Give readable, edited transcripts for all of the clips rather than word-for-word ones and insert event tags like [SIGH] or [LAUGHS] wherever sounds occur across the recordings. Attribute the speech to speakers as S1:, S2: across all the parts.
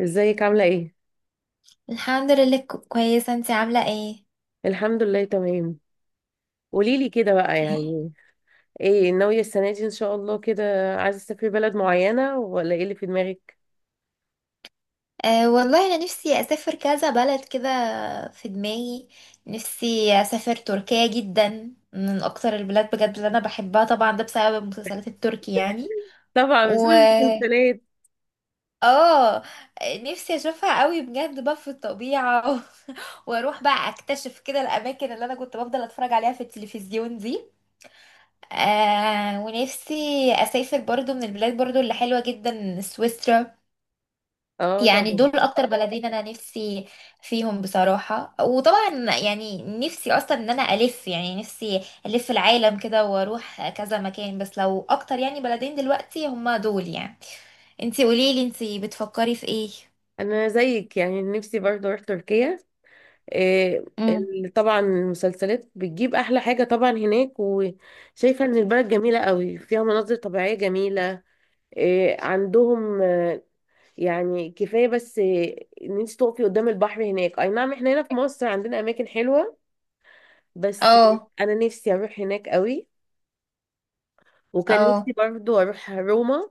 S1: ازيك عاملة ايه؟
S2: الحمد لله، كويسة. انتي عاملة ايه؟
S1: الحمد لله تمام. قوليلي كده بقى، يعني ايه ناوية السنة دي ان شاء الله كده؟ عايزة تسافري بلد معينة ولا ايه اللي في دماغك؟
S2: أه والله انا نفسي اسافر كذا بلد كده في دماغي. نفسي اسافر تركيا، جدا من اكتر البلاد بجد اللي انا بحبها، طبعا ده بسبب المسلسلات التركي يعني.
S1: طبعا بسبب
S2: و
S1: المسلسلات.
S2: اه نفسي اشوفها قوي بجد بقى في الطبيعة [LAUGHS] واروح بقى اكتشف كده الاماكن اللي انا كنت بفضل اتفرج عليها في التلفزيون دي. ونفسي اسافر برضو من البلاد برضو اللي حلوة جدا سويسرا.
S1: اه،
S2: يعني
S1: طبعا.
S2: دول اكتر بلدين انا نفسي فيهم بصراحة، وطبعا يعني نفسي اصلا ان انا الف، يعني نفسي الف العالم كده واروح كذا مكان. بس لو اكتر يعني بلدين دلوقتي هما دول يعني. انتي قوليلي، انتي بتفكري في ايه؟
S1: انا زيك، يعني نفسي برضه اروح تركيا. إيه،
S2: مم.
S1: طبعا المسلسلات بتجيب احلى حاجة طبعا هناك، وشايفة ان البلد جميلة قوي، فيها مناظر طبيعية جميلة. إيه عندهم، يعني كفاية بس ان انت تقفي قدام البحر هناك. اي نعم، احنا هنا في مصر عندنا اماكن حلوة بس.
S2: اه.
S1: انا نفسي اروح هناك قوي. وكان نفسي
S2: اه.
S1: برضو اروح روما.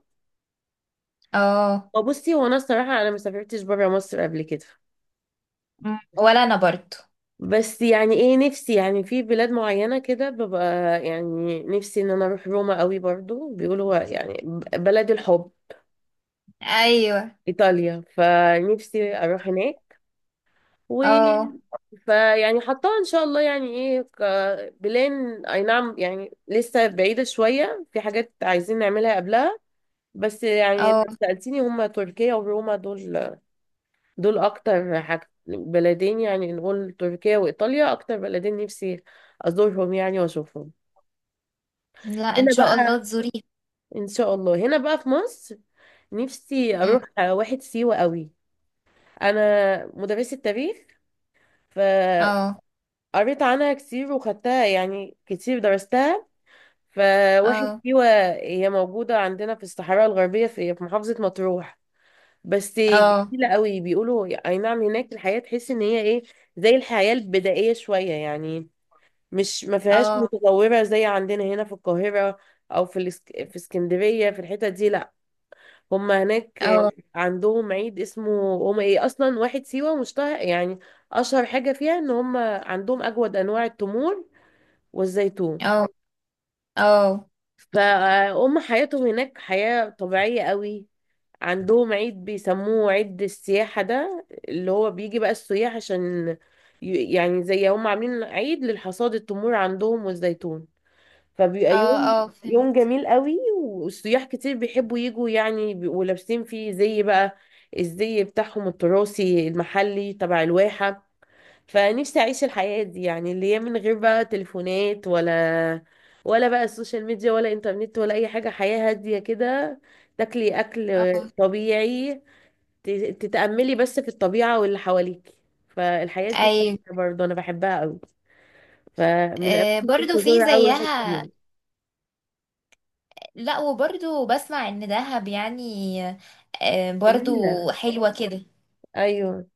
S2: اه.
S1: وبصي، هو انا الصراحة انا ما سافرتش برا مصر قبل كده.
S2: مم. ولا انا برضو.
S1: بس يعني ايه، نفسي يعني في بلاد معينة كده ببقى، يعني نفسي ان انا اروح روما قوي، برضو بيقولوا يعني بلد الحب،
S2: ايوه.
S1: ايطاليا، فنفسي اروح هناك و
S2: اه.
S1: فيعني حطها ان شاء الله، يعني ايه، كبلان. اي نعم، يعني لسه بعيدة شوية، في حاجات عايزين نعملها قبلها. بس يعني
S2: اه.
S1: لو سألتيني هما تركيا وروما دول اكتر حاجة بلدين، يعني نقول تركيا وايطاليا اكتر بلدين نفسي ازورهم، يعني واشوفهم.
S2: لا، ان
S1: هنا
S2: شاء
S1: بقى،
S2: الله تزوري.
S1: ان شاء الله هنا بقى في مصر، نفسي
S2: أم.
S1: اروح واحد سيوة قوي. انا مدرسة تاريخ، ف
S2: اه.
S1: قريت عنها كتير، وخدتها يعني كتير، درستها. فواحد
S2: اه.
S1: سيوة هي موجودة عندنا في الصحراء الغربية، في محافظة مطروح. بس
S2: اه.
S1: جميلة قوي، بيقولوا اي نعم هناك، الحياة تحس ان هي ايه، زي الحياة البدائية شوية يعني. مش، ما فيهاش
S2: اه.
S1: متطورة زي عندنا هنا في القاهرة، او في في اسكندرية، في الحتة دي، لا. هما هناك
S2: اه.
S1: عندهم عيد اسمه هما ايه، اصلا واحد سيوة مشتهر يعني، اشهر حاجة فيها ان هما عندهم اجود انواع التمور والزيتون.
S2: اه. اه. اه.
S1: فهم حياتهم هناك حياة طبيعية قوي. عندهم عيد بيسموه عيد السياحة، ده اللي هو بيجي بقى السياح عشان يعني زي هم عاملين عيد للحصاد التمور عندهم والزيتون. فبيبقى
S2: اه.
S1: يوم
S2: اه.
S1: يوم
S2: فهمت.
S1: جميل قوي، والسياح كتير بيحبوا يجوا، يعني بيبقوا لابسين فيه زي بقى الزي بتاعهم التراثي المحلي تبع الواحة. فنفسي اعيش الحياة دي، يعني اللي هي من غير بقى تليفونات، ولا بقى السوشيال ميديا، ولا انترنت، ولا اي حاجة، حياة هادية كده. تاكلي اكل طبيعي، ت- تتأملي بس في الطبيعة واللي حواليك. فالحياة دي
S2: اي،
S1: برضه انا بحبها قوي. فمن اماكن كنت
S2: برضو في
S1: ازورها قوي واحد
S2: زيها.
S1: فيهم.
S2: لا، وبرضو بسمع ان دهب يعني. آه،
S1: جميلة.
S2: برضو حلوة كده.
S1: ايوه.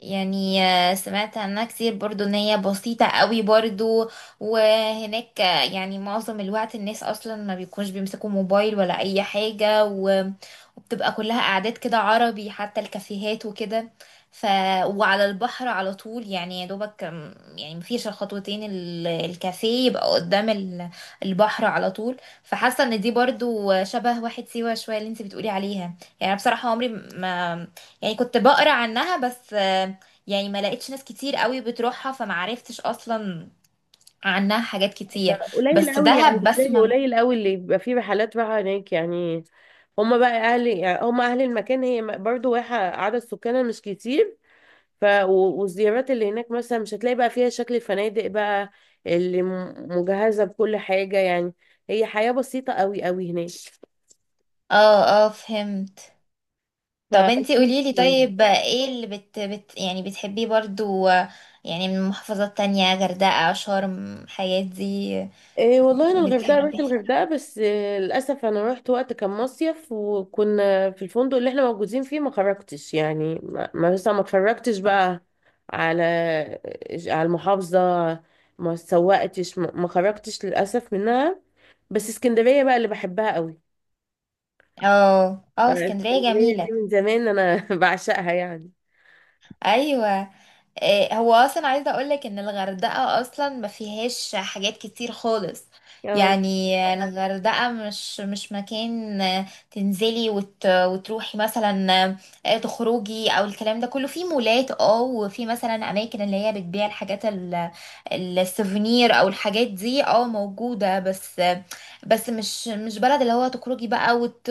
S2: يعني سمعت عنها كتير برضو ان هي بسيطة قوي برضو. وهناك يعني معظم الوقت الناس اصلا ما بيكونش بيمسكوا موبايل ولا اي حاجة وبتبقى كلها قعدات كده عربي، حتى الكافيهات وكده. ف وعلى البحر على طول يعني، يا دوبك يعني مفيش الخطوتين الكافيه يبقى قدام البحر على طول. فحاسة ان دي برضو شبه واحد سيوة شوية اللي انت بتقولي عليها. يعني أنا بصراحة عمري ما، يعني كنت بقرا عنها بس، يعني ما لقيتش ناس كتير قوي بتروحها، فما عرفتش اصلا عنها حاجات
S1: ده
S2: كتير.
S1: قليل
S2: بس
S1: قوي، يعني
S2: دهب
S1: بتلاقي
S2: بسمع.
S1: قليل قوي اللي بيبقى فيه رحلات رايحة هناك يعني. هما بقى اهل، يعني هما اهل المكان، هي برضه واحة عدد سكانها مش كتير. والزيارات اللي هناك مثلا مش هتلاقي بقى فيها شكل الفنادق بقى اللي مجهزة بكل حاجة يعني. هي حياة بسيطة قوي قوي هناك،
S2: اه. اه. فهمت.
S1: ف
S2: طب انتي قوليلي، طيب
S1: [LAUGHS]
S2: ايه اللي بت, بت يعني بتحبيه برضو، يعني من محافظات تانية، غردقة شرم الحاجات دي؟
S1: إيه والله انا الغردقه، رحت
S2: بتحبي.
S1: الغردقه، بس إيه للاسف انا رحت وقت كان مصيف، وكنا في الفندق اللي احنا موجودين فيه ما خرجتش، يعني ما ما- مثلا ما اتفرجتش بقى على على المحافظه. ما سوقتش، ما خرجتش للاسف منها. بس اسكندريه بقى اللي بحبها قوي.
S2: اه. اه. اسكندرية
S1: فالاسكندرية دي
S2: جميلة.
S1: من زمان أنا [LAUGHS] بعشقها يعني.
S2: ايوه. إيه، هو اصلا عايزه اقولك ان الغردقه اصلا ما فيهاش حاجات كتير خالص.
S1: اه.
S2: يعني الغردقه مش مكان تنزلي وتروحي مثلا، تخرجي او الكلام ده كله. في مولات وفي مثلا اماكن اللي هي بتبيع الحاجات السوفينير او الحاجات دي موجوده بس. بس مش بلد اللي هو تخرجي بقى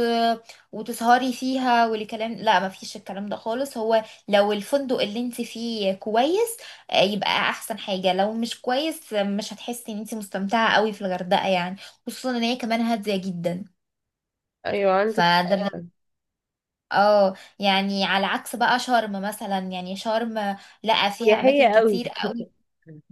S2: وتسهري فيها والكلام. لا، ما فيش الكلام ده خالص. هو لو الفندق اللي انت فيه كويس يبقى احسن حاجة. لو مش كويس مش هتحسي ان انت مستمتعة قوي في الغردقة يعني. خصوصا ان هي كمان هادية جدا.
S1: أيوة عندك
S2: فده
S1: حق.
S2: يعني على عكس بقى شرم. مثلا يعني شرم لقى فيها
S1: سياحية
S2: اماكن
S1: قوي.
S2: كتير قوي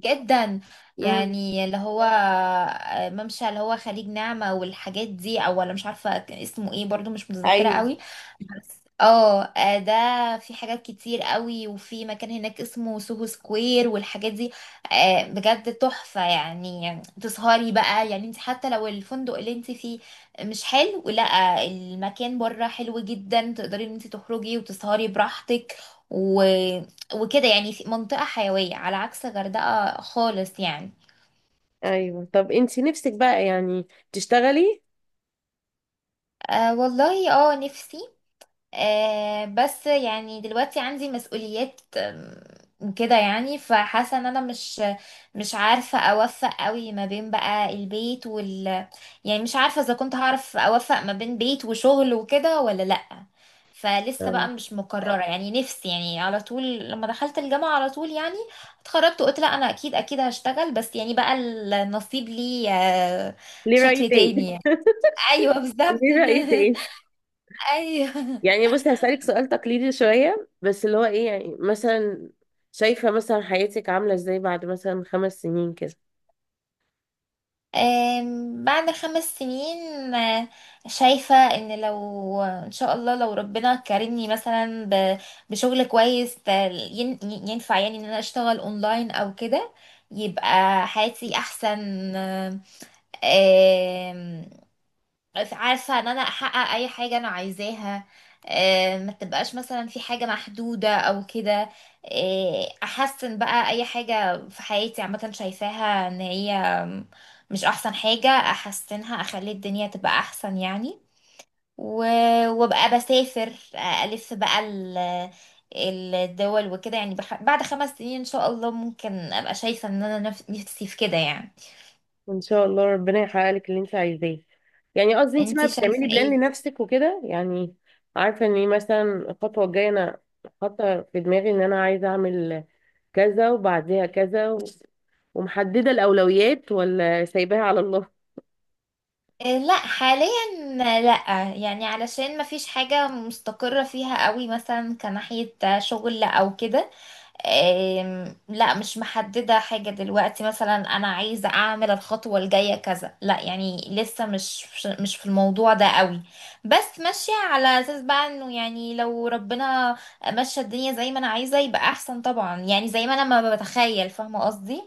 S2: جدا.
S1: امم.
S2: يعني اللي هو ممشى اللي هو خليج نعمة والحاجات دي، او ولا مش عارفة كان اسمه ايه برضو، مش متذكرة
S1: أيوة،
S2: قوي. بس ده في حاجات كتير قوي، وفي مكان هناك اسمه سوهو سكوير والحاجات دي بجد تحفة، يعني تسهري بقى يعني انت حتى لو الفندق اللي انت فيه مش حلو. لا، المكان بره حلو جدا، تقدري ان انت تخرجي وتسهري براحتك وكده، يعني في منطقة حيوية على عكس غردقة خالص يعني.
S1: أيوة. طب أنت نفسك بقى يعني تشتغلي؟
S2: أه والله، نفسي. بس يعني دلوقتي عندي مسؤوليات كده يعني. فحاسه ان انا مش عارفه اوفق قوي ما بين بقى البيت. يعني مش عارفه اذا كنت هعرف اوفق ما بين بيت وشغل وكده ولا لا. فلسه بقى
S1: اه،
S2: مش مقرره يعني. نفسي يعني على طول لما دخلت الجامعه على طول يعني اتخرجت وقلت لا، انا اكيد اكيد هشتغل، بس يعني بقى النصيب لي
S1: ليه رأي
S2: شكل
S1: تاني
S2: تاني
S1: [LAUGHS]
S2: يعني. ايوه، بالظبط.
S1: ليه رأي تاني
S2: [LAUGHS] ايوه.
S1: يعني. بصي هسألك سؤال تقليدي شوية، بس اللي هو إيه يعني، مثلا شايفة مثلا حياتك عاملة إزاي بعد مثلا 5 سنين كده؟
S2: بعد 5 سنين، آه، شايفة ان لو ان شاء الله لو ربنا كرمني مثلا بشغل كويس، ينفع يعني ان انا اشتغل اونلاين او كده، يبقى حياتي احسن. آم، عارفة ان انا احقق اي حاجة انا عايزاها، ما تبقاش مثلا في حاجة محدودة او كده، احسن بقى اي حاجة في حياتي عامة شايفاها ان هي مش احسن حاجة، احسنها اخلي الدنيا تبقى احسن يعني. وابقى بسافر الف بقى الدول وكده يعني. بعد 5 سنين ان شاء الله ممكن ابقى شايفة ان انا نفسي في كده يعني.
S1: ان شاء الله ربنا يحقق لك اللي انت عايزاه. يعني قصدي انت بقى
S2: انتي شايفة
S1: بتعملي بلان
S2: ايه؟
S1: لنفسك وكده يعني؟ عارفه ان ايه مثلا الخطوه الجايه، انا حاطه في دماغي ان انا عايزه اعمل كذا، وبعديها كذا، ومحدده الاولويات، ولا سايباها على الله؟
S2: إيه، لا حاليا. لا يعني علشان ما فيش حاجة مستقرة فيها قوي، مثلا كناحية شغل او كده. إيه، لا مش محددة حاجة دلوقتي، مثلا انا عايزة اعمل الخطوة الجاية كذا، لا يعني لسه مش في الموضوع ده قوي. بس ماشية على اساس بقى انه يعني لو ربنا مشى الدنيا زي ما انا عايزة يبقى احسن طبعا، يعني زي ما انا ما بتخيل فاهمة قصدي.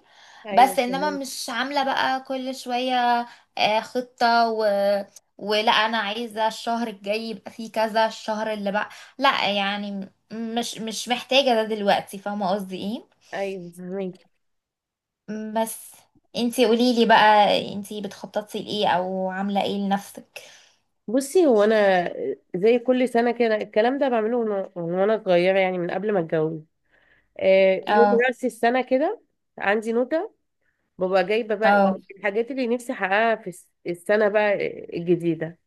S1: ايوه
S2: بس انما
S1: فهمك.
S2: مش عاملة بقى كل شوية خطة، ولا انا عايزه الشهر الجاي يبقى فيه كذا الشهر اللي بقى. لا يعني مش محتاجه ده دلوقتي، فاهمه قصدي ايه؟
S1: ايوه فهميكي.
S2: بس انتي قوليلي بقى، انتي بتخططي لايه او عامله ايه لنفسك؟
S1: بصي هو انا زي كل سنه كده الكلام ده بعمله من وانا صغيره، يعني من قبل ما اتجوز. يوم
S2: اه.
S1: راس السنه كده، عندي نوتة، ببقى جايبة بقى
S2: اه.
S1: الحاجات اللي نفسي احققها في السنة بقى الجديدة.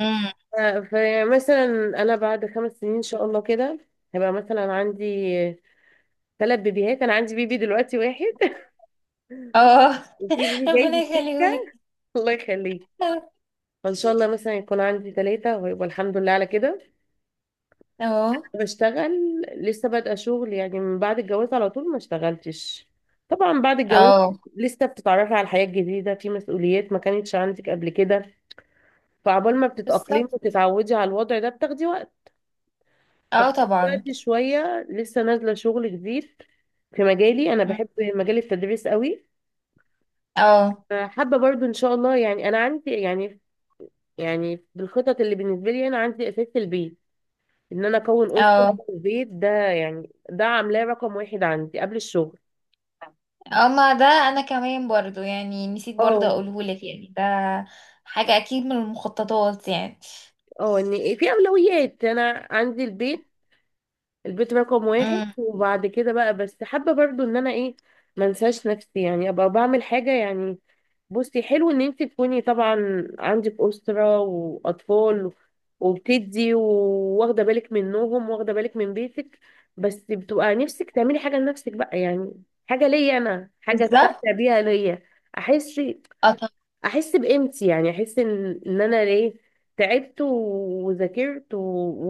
S2: امم.
S1: فمثلا انا بعد 5 سنين ان شاء الله كده هيبقى مثلا عندي ثلاث بيبيهات. انا عندي بيبي دلوقتي واحد [LAUGHS]
S2: اه.
S1: وفي بيبي
S2: [LAUGHS]
S1: جاي
S2: ربنا
S1: في
S2: يخليهولك.
S1: السكة. [LAUGHS] الله يخليك.
S2: اه.
S1: فان شاء الله مثلا يكون عندي ثلاثة، ويبقى الحمد لله على كده.
S2: اه.
S1: بشتغل لسه بادئة شغل يعني، من بعد الجواز على طول ما اشتغلتش. طبعا بعد الجواز
S2: اه.
S1: لسه بتتعرفي على الحياة الجديدة، في مسؤوليات ما كانتش عندك قبل كده، فعبال ما
S2: بالظبط.
S1: بتتأقلمي وتتعودي على الوضع ده بتاخدي وقت.
S2: اه
S1: فاخدت
S2: طبعا.
S1: وقت شوية، لسه نازلة شغل جديد في مجالي. أنا
S2: مم.
S1: بحب مجال التدريس قوي.
S2: اه.
S1: حابة برضو إن شاء الله، يعني أنا عندي يعني بالخطط اللي بالنسبة لي أنا عندي أساس البيت، إن أنا أكون أسرة
S2: اه.
S1: في البيت ده، يعني ده عاملاه رقم واحد عندي قبل الشغل.
S2: اما ده انا كمان برضو يعني، نسيت برضو
S1: اه
S2: اقولهولك يعني ده حاجه اكيد من المخططات يعني.
S1: اه. إن في أولويات أنا عندي البيت، البيت رقم واحد،
S2: امم.
S1: وبعد كده بقى. بس حابة برضو إن أنا إيه، منساش نفسي يعني، ابقى بعمل حاجه يعني. بصي حلو ان انت تكوني طبعا عندك اسره واطفال، وبتدي واخده بالك منهم، واخده بالك من بيتك. بس بتبقى نفسك تعملي حاجه لنفسك بقى، يعني حاجه ليا انا، حاجه
S2: بالظبط.
S1: استمتع بيها ليا. احس
S2: اه طبعا.
S1: احس بقيمتي، يعني احس ان انا ليه تعبت وذاكرت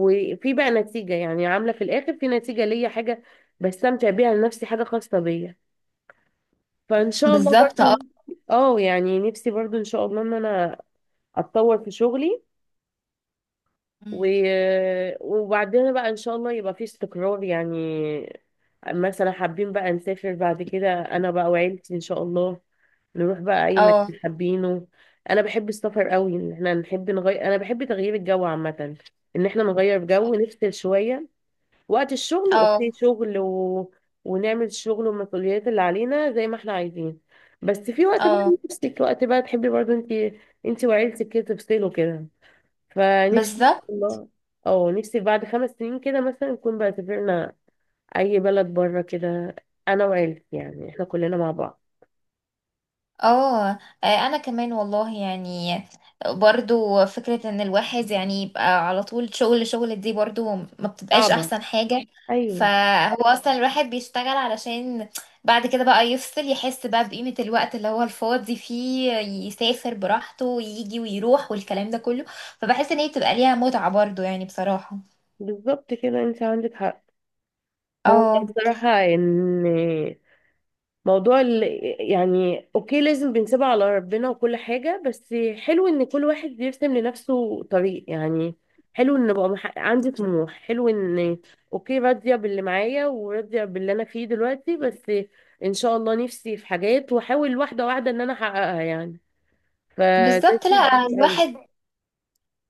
S1: وفي بقى نتيجه، يعني عامله في الاخر في نتيجه ليا حاجه بستمتع بيها لنفسي، حاجه خاصه بيا. فان شاء الله
S2: بالظبط. اه.
S1: برضو. اه يعني نفسي برضو ان شاء الله ان انا اتطور في شغلي، و...
S2: مم.
S1: وبعدها بقى ان شاء الله يبقى في استقرار يعني. مثلا حابين بقى نسافر بعد كده، انا بقى وعيلتي ان شاء الله، نروح بقى اي
S2: اه.
S1: مكان حابينه. انا بحب السفر قوي، ان احنا نحب نغير، انا بحب تغيير الجو عامة، ان احنا نغير جو نفصل شوية. وقت الشغل
S2: اه.
S1: اوكي شغل، ونعمل الشغل والمسؤوليات اللي علينا زي ما احنا عايزين. بس في وقت بقى،
S2: اه.
S1: نفسك وقت بقى تحبي برضو انت وعيلتك كده تفصلوا كده. فنفسي
S2: بالظبط.
S1: والله. او نفسي بعد 5 سنين كده مثلا نكون بقى سافرنا اي بلد بره كده، انا وعيلتي، يعني احنا كلنا مع بعض.
S2: اه. آه، انا كمان والله يعني، برضو فكرة ان الواحد يعني يبقى على طول شغل شغل، دي برضو ما بتبقاش
S1: صعبة.
S2: احسن حاجة.
S1: ايوه
S2: فهو اصلا الواحد بيشتغل علشان بعد كده بقى يفصل، يحس بقى بقيمة الوقت اللي هو الفاضي فيه، يسافر براحته ويجي ويروح والكلام ده كله. فبحس ان هي بتبقى ليها متعة برضو يعني بصراحة.
S1: بالظبط كده، انت عندك حق. هو
S2: اه،
S1: بصراحة ان موضوع يعني اوكي، لازم بنسيبها على ربنا وكل حاجة. بس حلو ان كل واحد بيرسم لنفسه طريق يعني. حلو ان بقى عندي طموح. حلو ان اوكي راضية باللي معايا وراضية باللي انا فيه دلوقتي، بس ان شاء الله نفسي في حاجات واحاول واحدة واحدة ان انا احققها يعني. فده
S2: بالظبط.
S1: شيء
S2: لا،
S1: جميل قوي.
S2: الواحد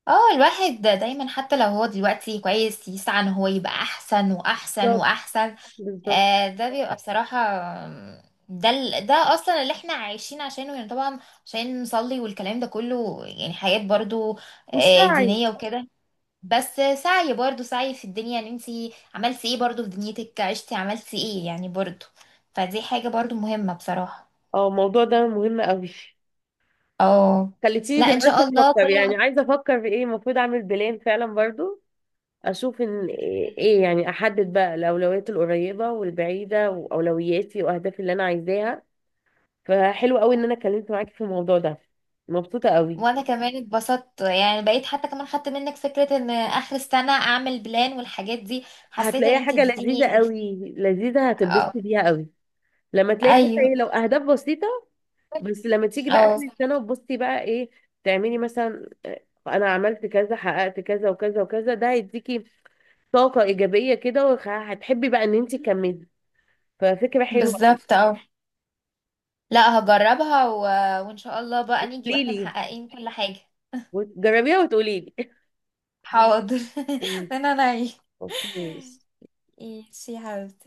S2: اه الواحد دايما حتى لو هو دلوقتي كويس، يسعى ان هو يبقى احسن واحسن
S1: بالظبط.
S2: واحسن.
S1: بالظبط.
S2: ده بيبقى بصراحة، آم، ده اصلا اللي احنا عايشين عشانه يعني طبعا، عشان نصلي والكلام ده كله، يعني حاجات برضو
S1: والسعي.
S2: دينية وكده. بس سعي برضو سعي في الدنيا، ان انتي عملتي ايه برضو في دنيتك، عشتي عملتي ايه يعني برضو. فدي حاجة برضو مهمة بصراحة.
S1: اه، الموضوع ده مهم قوي.
S2: اه.
S1: خليتيني
S2: لا ان
S1: دلوقتي
S2: شاء الله
S1: افكر يعني،
S2: كل.
S1: عايزة افكر في ايه المفروض اعمل بلان فعلا برضو، اشوف ان ايه يعني، احدد بقى الاولويات القريبه والبعيده واولوياتي واهدافي اللي انا عايزاها. فحلو قوي ان انا اتكلمت معاكي في الموضوع ده. مبسوطه قوي.
S2: وانا كمان اتبسطت يعني، بقيت حتى كمان خدت منك فكرة ان اخر السنة اعمل بلان والحاجات دي، حسيت ان
S1: هتلاقيها
S2: انت
S1: حاجه
S2: اديتيني
S1: لذيذه
S2: ده.
S1: قوي، لذيذه
S2: اه.
S1: هتتبسطي بيها قوي. لما تلاقي حتى
S2: ايوه.
S1: ايه، لو اهداف بسيطه، بس لما تيجي بقى اخر
S2: اه.
S1: السنه وتبصي بقى ايه تعملي مثلا، انا عملت كذا حققت كذا وكذا وكذا، ده هيديكي طاقه ايجابيه كده، وهتحبي بقى ان انت تكملي. ففكره حلوه.
S2: بالظبط. اه. لا هجربها وان شاء الله بقى نيجي
S1: قولي
S2: واحنا
S1: لي
S2: محققين كل حاجة.
S1: جربيها وتقولي
S2: حاضر. [LAUGHS]
S1: لي.
S2: انا نايم.
S1: [LAUGHS] اوكي.
S2: ماشي يا حبيبتي.